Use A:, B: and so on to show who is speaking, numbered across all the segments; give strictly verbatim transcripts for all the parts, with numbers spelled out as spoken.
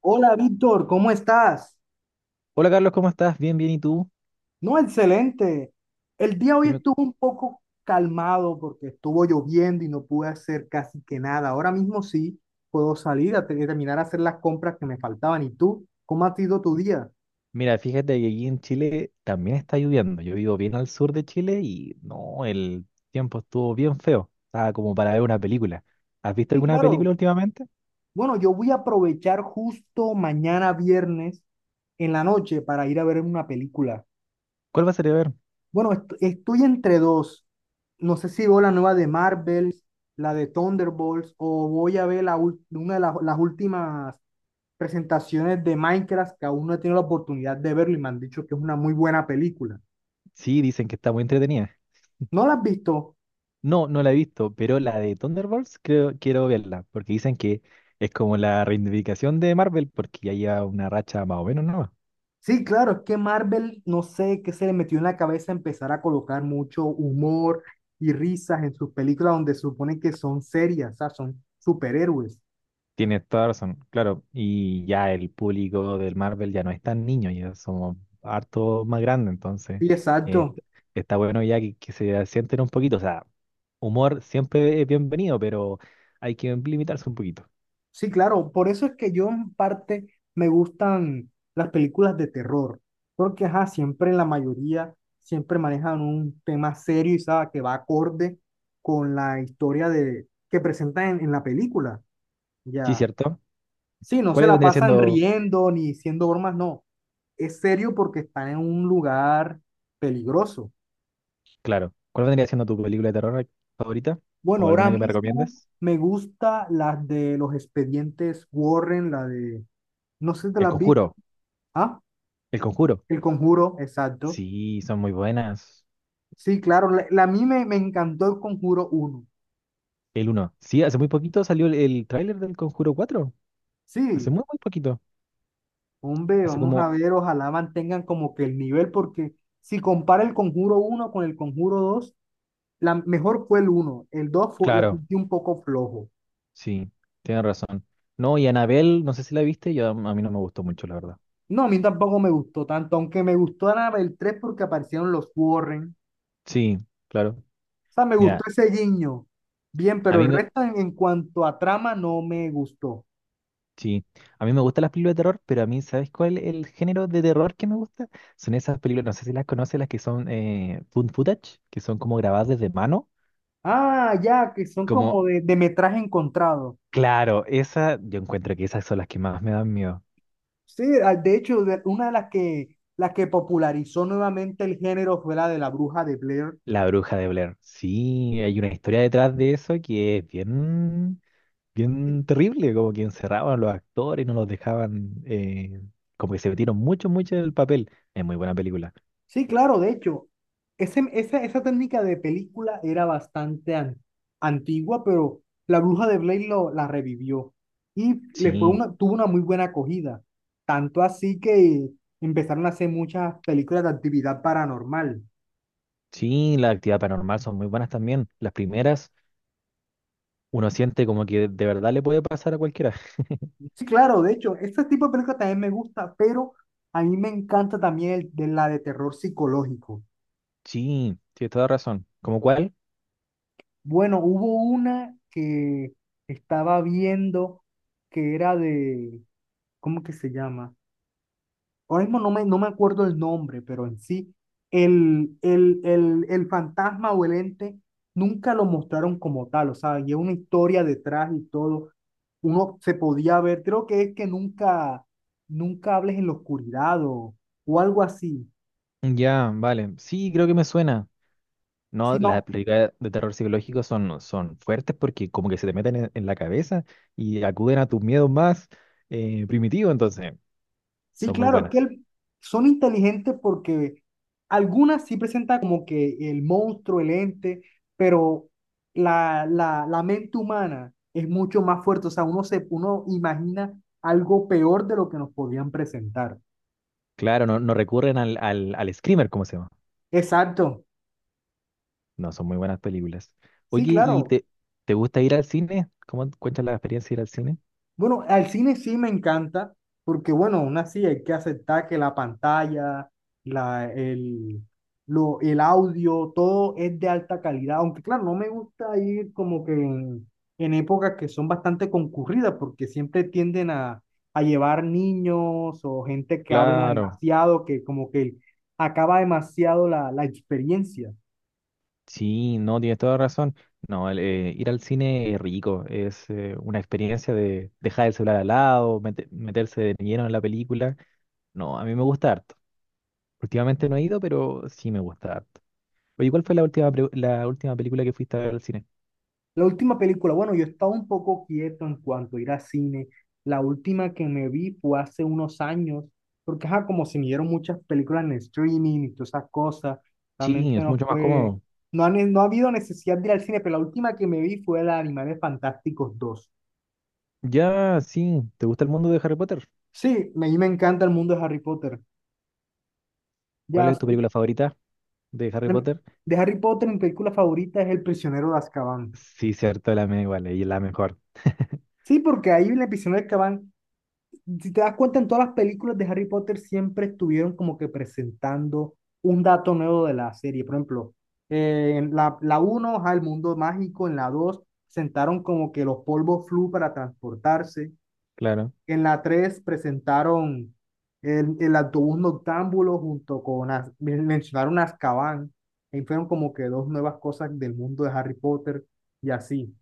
A: Hola Víctor, ¿cómo estás?
B: Hola Carlos, ¿cómo estás? Bien, bien, ¿y tú?
A: No, excelente. El día hoy
B: ¿Qué me-
A: estuvo un poco calmado porque estuvo lloviendo y no pude hacer casi que nada. Ahora mismo sí puedo salir a te- terminar a hacer las compras que me faltaban. ¿Y tú? ¿Cómo ha sido tu día?
B: Mira, fíjate que aquí en Chile también está lloviendo. Yo vivo bien al sur de Chile y no, el tiempo estuvo bien feo. Estaba como para ver una película. ¿Has visto
A: Sí,
B: alguna
A: claro.
B: película últimamente?
A: Bueno, yo voy a aprovechar justo mañana viernes en la noche para ir a ver una película.
B: ¿Cuál vas a ver?
A: Bueno, est- estoy entre dos. No sé si veo la nueva de Marvel, la de Thunderbolts, o voy a ver la ul- una de las, las últimas presentaciones de Minecraft que aún no he tenido la oportunidad de verlo y me han dicho que es una muy buena película.
B: Sí, dicen que está muy entretenida.
A: ¿No la has visto?
B: No, no la he visto, pero la de Thunderbolts creo, quiero verla, porque dicen que es como la reivindicación de Marvel, porque ya lleva una racha más o menos, ¿no?
A: Sí, claro, es que Marvel, no sé qué se le metió en la cabeza empezar a colocar mucho humor y risas en sus películas donde se supone que son serias, o sea, son superhéroes.
B: Tiene toda razón, claro. Y ya el público del Marvel ya no es tan niño, ya somos harto más grandes, entonces
A: Sí,
B: eh,
A: exacto.
B: está bueno ya que, que se sienten un poquito. O sea, humor siempre es bienvenido, pero hay que limitarse un poquito.
A: Sí, claro, por eso es que yo en parte me gustan las películas de terror, porque ajá, siempre en la mayoría, siempre manejan un tema serio y sabe que va acorde con la historia de, que presentan en, en la película.
B: Sí,
A: Ya,
B: cierto.
A: sí, no se
B: ¿Cuál
A: la
B: vendría
A: pasan
B: siendo,
A: riendo ni diciendo bromas, no. Es serio porque están en un lugar peligroso.
B: claro, ¿cuál vendría siendo tu película de terror favorita?
A: Bueno,
B: ¿O
A: ahora
B: alguna que me
A: mismo
B: recomiendes?
A: me gusta las de los expedientes Warren, la de, no sé si te
B: El
A: las vi,
B: Conjuro.
A: ¿ah?
B: El Conjuro.
A: El Conjuro, exacto.
B: Sí, son muy buenas.
A: Sí, claro, la, la- a mí me, me encantó el Conjuro uno.
B: El uno. Sí, hace muy poquito salió el, el tráiler del Conjuro cuatro. Hace
A: Sí,
B: muy, muy poquito.
A: hombre,
B: Hace
A: vamos a
B: como...
A: ver, ojalá mantengan como que el nivel, porque si compara el Conjuro uno con el Conjuro dos, la mejor fue el uno, el dos fue, lo
B: Claro,
A: sentí un poco flojo.
B: sí, tienes razón. No, y Anabel, no sé si la viste, yo a mí no me gustó mucho, la verdad.
A: No, a mí tampoco me gustó tanto, aunque me gustó nada el tres porque aparecieron los Warren.
B: Sí, claro.
A: O sea, me gustó
B: Mira,
A: ese guiño. Bien,
B: a
A: pero
B: mí
A: el
B: me,
A: resto en, en cuanto a trama no me gustó.
B: sí, a mí me gustan las películas de terror, pero a mí, ¿sabes cuál es el género de terror que me gusta? Son esas películas, no sé si las conoces, las que son eh, found footage, que son como grabadas desde mano.
A: Ah, ya, que son
B: Como,
A: como de, de, metraje encontrado.
B: claro, esa, yo encuentro que esas son las que más me dan miedo.
A: Sí, ah, de hecho, de- una de las que, las que popularizó nuevamente el género fue la de la bruja de Blair.
B: La bruja de Blair. Sí, hay una historia detrás de eso que es bien,
A: Sí,
B: bien terrible, como que encerraban a los actores y no los dejaban, eh, como que se metieron mucho, mucho en el papel. Es muy buena película.
A: sí, claro, de hecho, ese- esa, esa técnica de película era bastante an- antigua, pero la bruja de Blair lo, la revivió y le fue
B: Sí,
A: una, tuvo una muy buena acogida. Tanto así que empezaron a hacer muchas películas de actividad paranormal.
B: sí, las actividades paranormal son muy buenas también. Las primeras, uno siente como que de verdad le puede pasar a cualquiera.
A: Sí, claro, de hecho, este tipo de películas también me gusta, pero a mí me encanta también el, de la de terror psicológico.
B: Sí, tienes toda razón. ¿Como cuál?
A: Bueno, hubo una que estaba viendo que era de, ¿cómo que se llama? Ahora mismo no me, no me, acuerdo el nombre, pero en sí, el, el, el, el fantasma o el ente nunca lo mostraron como tal, o sea, y es una historia detrás y todo. Uno se podía ver, creo que es que nunca, nunca, hables en la oscuridad o, o algo así.
B: Ya, vale. Sí, creo que me suena.
A: Sí,
B: No, las películas de terror psicológico son, son fuertes porque como que se te meten en, en la cabeza y acuden a tus miedos más eh, primitivos, entonces
A: sí,
B: son muy
A: claro, es que
B: buenas.
A: el- son inteligentes porque algunas sí presentan como que el monstruo, el ente, pero la, la, la mente humana es mucho más fuerte. O sea, uno se, uno imagina algo peor de lo que nos podían presentar.
B: Claro, no, no recurren al, al, al screamer, ¿cómo se llama?
A: Exacto.
B: No, son muy buenas películas.
A: Sí,
B: Oye, ¿y
A: claro.
B: te, te gusta ir al cine? ¿Cómo cuentas la experiencia de ir al cine?
A: Bueno, al cine sí me encanta, porque bueno, aún así hay que aceptar que la pantalla, la, el, lo, el audio, todo es de alta calidad, aunque claro, no me gusta ir como que en, en, épocas que son bastante concurridas, porque siempre tienden a, a llevar niños o gente que habla
B: Claro,
A: demasiado, que como que acaba demasiado la, la experiencia.
B: sí, no, tienes toda razón. No, el, eh, ir al cine es rico, es eh, una experiencia de dejar el celular al lado, mete- meterse de lleno en la película. No, a mí me gusta harto. Últimamente no he ido, pero sí me gusta harto. Oye, ¿cuál fue la última, pre- la última película que fuiste a ver al cine?
A: La última película, bueno, yo estaba un poco quieto en cuanto a ir al cine. La última que me vi fue hace unos años, porque ajá, como se me dieron muchas películas en streaming y todas esas cosas,
B: Sí,
A: realmente
B: es
A: no
B: mucho más
A: fue,
B: cómodo.
A: no ha, no ha habido necesidad de ir al cine, pero la última que me vi fue la de Animales Fantásticos dos.
B: Ya, sí, ¿te gusta el mundo de Harry Potter?
A: Sí, me- a mí me encanta el mundo de Harry Potter.
B: ¿Cuál
A: Ya
B: es tu
A: soy,
B: película favorita de Harry
A: em,
B: Potter?
A: de Harry Potter, mi película favorita es El prisionero de Azkaban.
B: Sí, cierto, la me igual, y la mejor.
A: Sí, porque ahí en El prisionero de Azkaban, si te das cuenta, en todas las películas de Harry Potter siempre estuvieron como que presentando un dato nuevo de la serie. Por ejemplo, eh, en la, la, uno ajá, el mundo mágico, en la dos presentaron como que los polvos flu para transportarse.
B: Claro.
A: En la tres presentaron el, el autobús noctámbulo junto con, Az- men- mencionaron Azkaban. Y fueron como que dos nuevas cosas del mundo de Harry Potter y así.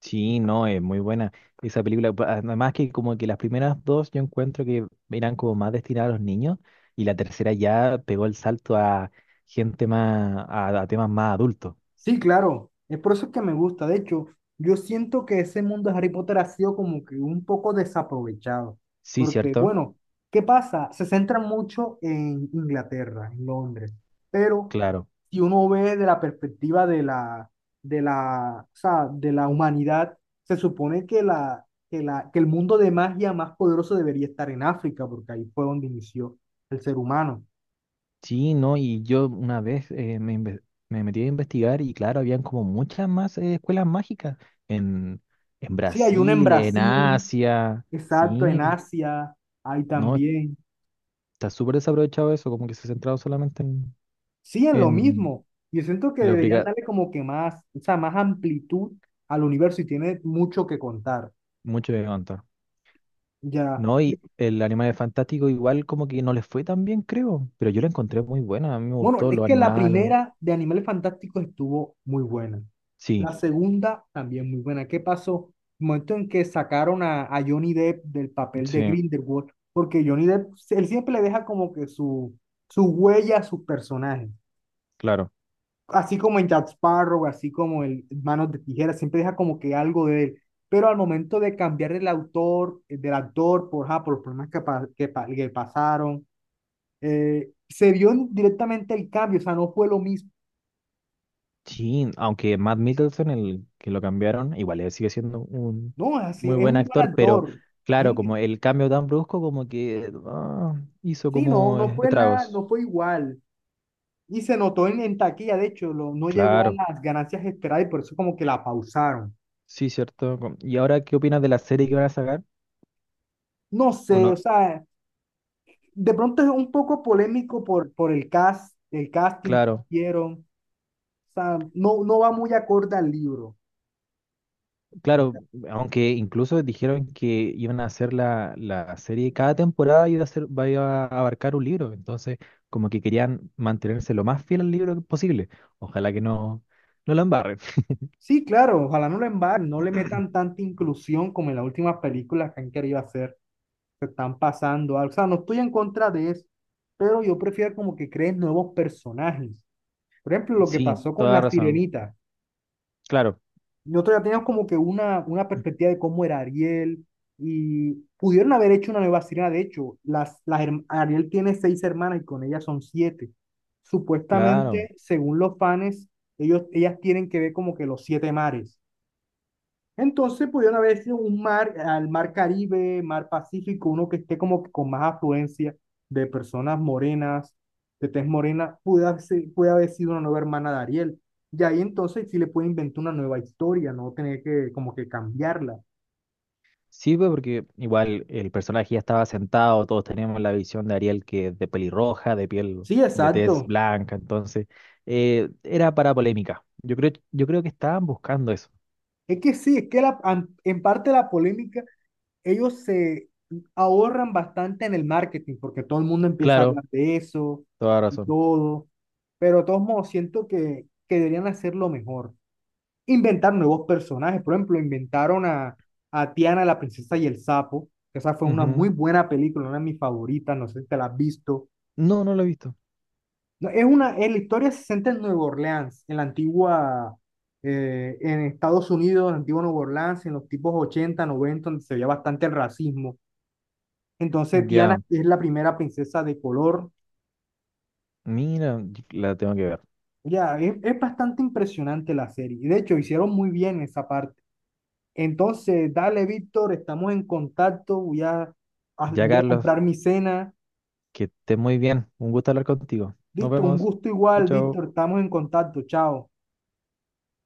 B: Sí, no, es muy buena esa película. pa- Además que como que las primeras dos yo encuentro que eran como más destinadas a los niños y la tercera ya pegó el salto a gente más, a, a temas más adultos.
A: Sí, claro, es por eso que me gusta. De hecho, yo siento que ese mundo de Harry Potter ha sido como que un poco desaprovechado.
B: Sí,
A: Porque,
B: cierto.
A: bueno, ¿qué pasa? Se centra mucho en Inglaterra, en Londres. Pero
B: Claro.
A: si uno ve de la perspectiva de la, de la, o sea, de la humanidad, se supone que, la, que, la, que el mundo de magia más poderoso debería estar en África, porque ahí fue donde inició el ser humano.
B: Sí, no, y yo una vez eh, me, inve- me metí a investigar y claro, habían como muchas más eh, escuelas mágicas en, en
A: Sí, hay uno en
B: Brasil, en
A: Brasil.
B: Asia.
A: Exacto, en
B: Sí,
A: Asia hay
B: no,
A: también.
B: está súper desaprovechado eso, como que se ha centrado solamente en,
A: Sí, en lo
B: en,
A: mismo. Yo siento que
B: en lo
A: deberían
B: briga-
A: darle como que más, o sea, más amplitud al universo y tiene mucho que contar.
B: mucho de levantar.
A: Ya.
B: No, y el Animales Fantástico igual como que no les fue tan bien, creo, pero yo la encontré muy buena, a mí me
A: Bueno,
B: gustó
A: es
B: los
A: que la
B: animales.
A: primera de Animales Fantásticos estuvo muy buena.
B: Sí,
A: La segunda también muy buena. ¿Qué pasó? El momento en que sacaron a, a, Johnny Depp del papel de
B: sí,
A: Grindelwald, porque Johnny Depp, él siempre le deja como que su, su huella a sus personajes.
B: claro.
A: Así como en Jack Sparrow, así como el Manos de Tijera, siempre deja como que algo de él. Pero al momento de cambiar el autor, eh, del actor, por, ja por los problemas que, pa- que, pa- que pasaron, eh, se vio en- directamente el cambio, o sea, no fue lo mismo.
B: Sí, aunque Matt Middleton, el que lo cambiaron, igual él sigue siendo un
A: No, es así,
B: muy
A: es
B: buen
A: un buen
B: actor, pero
A: actor. Es
B: claro,
A: inc-
B: como el cambio tan brusco como que ah, hizo
A: Sí, no,
B: como
A: no
B: eh,
A: fue nada,
B: estragos.
A: no fue igual. Y se notó en, en taquilla, de hecho, lo- no llegó a
B: Claro,
A: las ganancias esperadas y por eso como que la pausaron.
B: sí, cierto. com- ¿Y ahora qué opinas de la serie que van a sacar?
A: No sé,
B: ¿O no,
A: o sea, de pronto es un poco polémico por, por el cast, el casting que
B: Claro,
A: hicieron. O sea, no, no va muy acorde al libro.
B: claro, aunque incluso dijeron que iban a hacer la, la serie, cada temporada iba a ser, va- iba a abarcar un libro, entonces como que querían mantenerse lo más fiel al libro posible. Ojalá que no, no la embarren.
A: Sí, claro, ojalá no lo embarren, no le metan tanta inclusión como en las últimas películas que han querido hacer. Se están pasando algo. O sea, no estoy en contra de eso, pero yo prefiero como que creen nuevos personajes. Por ejemplo, lo que
B: Sí,
A: pasó con
B: toda
A: la
B: razón.
A: sirenita.
B: Claro,
A: Nosotros ya teníamos como que una, una perspectiva de cómo era Ariel y pudieron haber hecho una nueva sirena. De hecho, las, las, herm- Ariel tiene seis hermanas y con ellas son siete. Supuestamente,
B: claro.
A: según los fans, ellos, ellas tienen que ver como que los siete mares. Entonces pudieron haber sido un mar, al mar Caribe, mar Pacífico, uno que esté como que con más afluencia de personas morenas, de tez morena, puede haber, si- puede haber sido una nueva hermana de Ariel. Y ahí entonces sí le puede inventar una nueva historia, no tener que como que cambiarla.
B: Sí, pues, porque igual el personaje ya estaba sentado, todos teníamos la visión de Ariel que es de pelirroja, de piel,
A: Sí,
B: de tez
A: exacto.
B: blanca, entonces eh, era para polémica. Yo creo, yo creo que estaban buscando eso.
A: Es que sí, es que la, an- en parte la polémica ellos se ahorran bastante en el marketing porque todo el mundo empieza a
B: Claro,
A: hablar de eso
B: toda
A: y
B: razón.
A: todo. Pero de todos modos, siento que, que deberían hacerlo mejor. Inventar nuevos personajes. Por ejemplo, inventaron a, a, Tiana, la princesa y el sapo. Que Esa fue una muy
B: Ujú.
A: buena película, una de mis favoritas. No sé si te la has visto.
B: No, no lo he visto.
A: No, es una, eh, la historia se centra en Nueva Orleans, en la antigua, eh, en Estados Unidos, en la antigua Nueva Orleans, en los tipos ochenta noventa donde se veía bastante el racismo. Entonces Tiana
B: Ya,
A: es la primera princesa de color.
B: mira, y- la tengo que ver.
A: Ya, es, es bastante impresionante la serie. Y de hecho, hicieron muy bien esa parte. Entonces, dale, Víctor, estamos en contacto. Voy a, a-
B: Ya,
A: voy a
B: Carlos,
A: comprar mi cena.
B: que estés muy bien. Un gusto hablar contigo. Nos
A: Listo, un
B: vemos.
A: gusto
B: Chao,
A: igual,
B: chao.
A: Víctor. Estamos en contacto. Chao.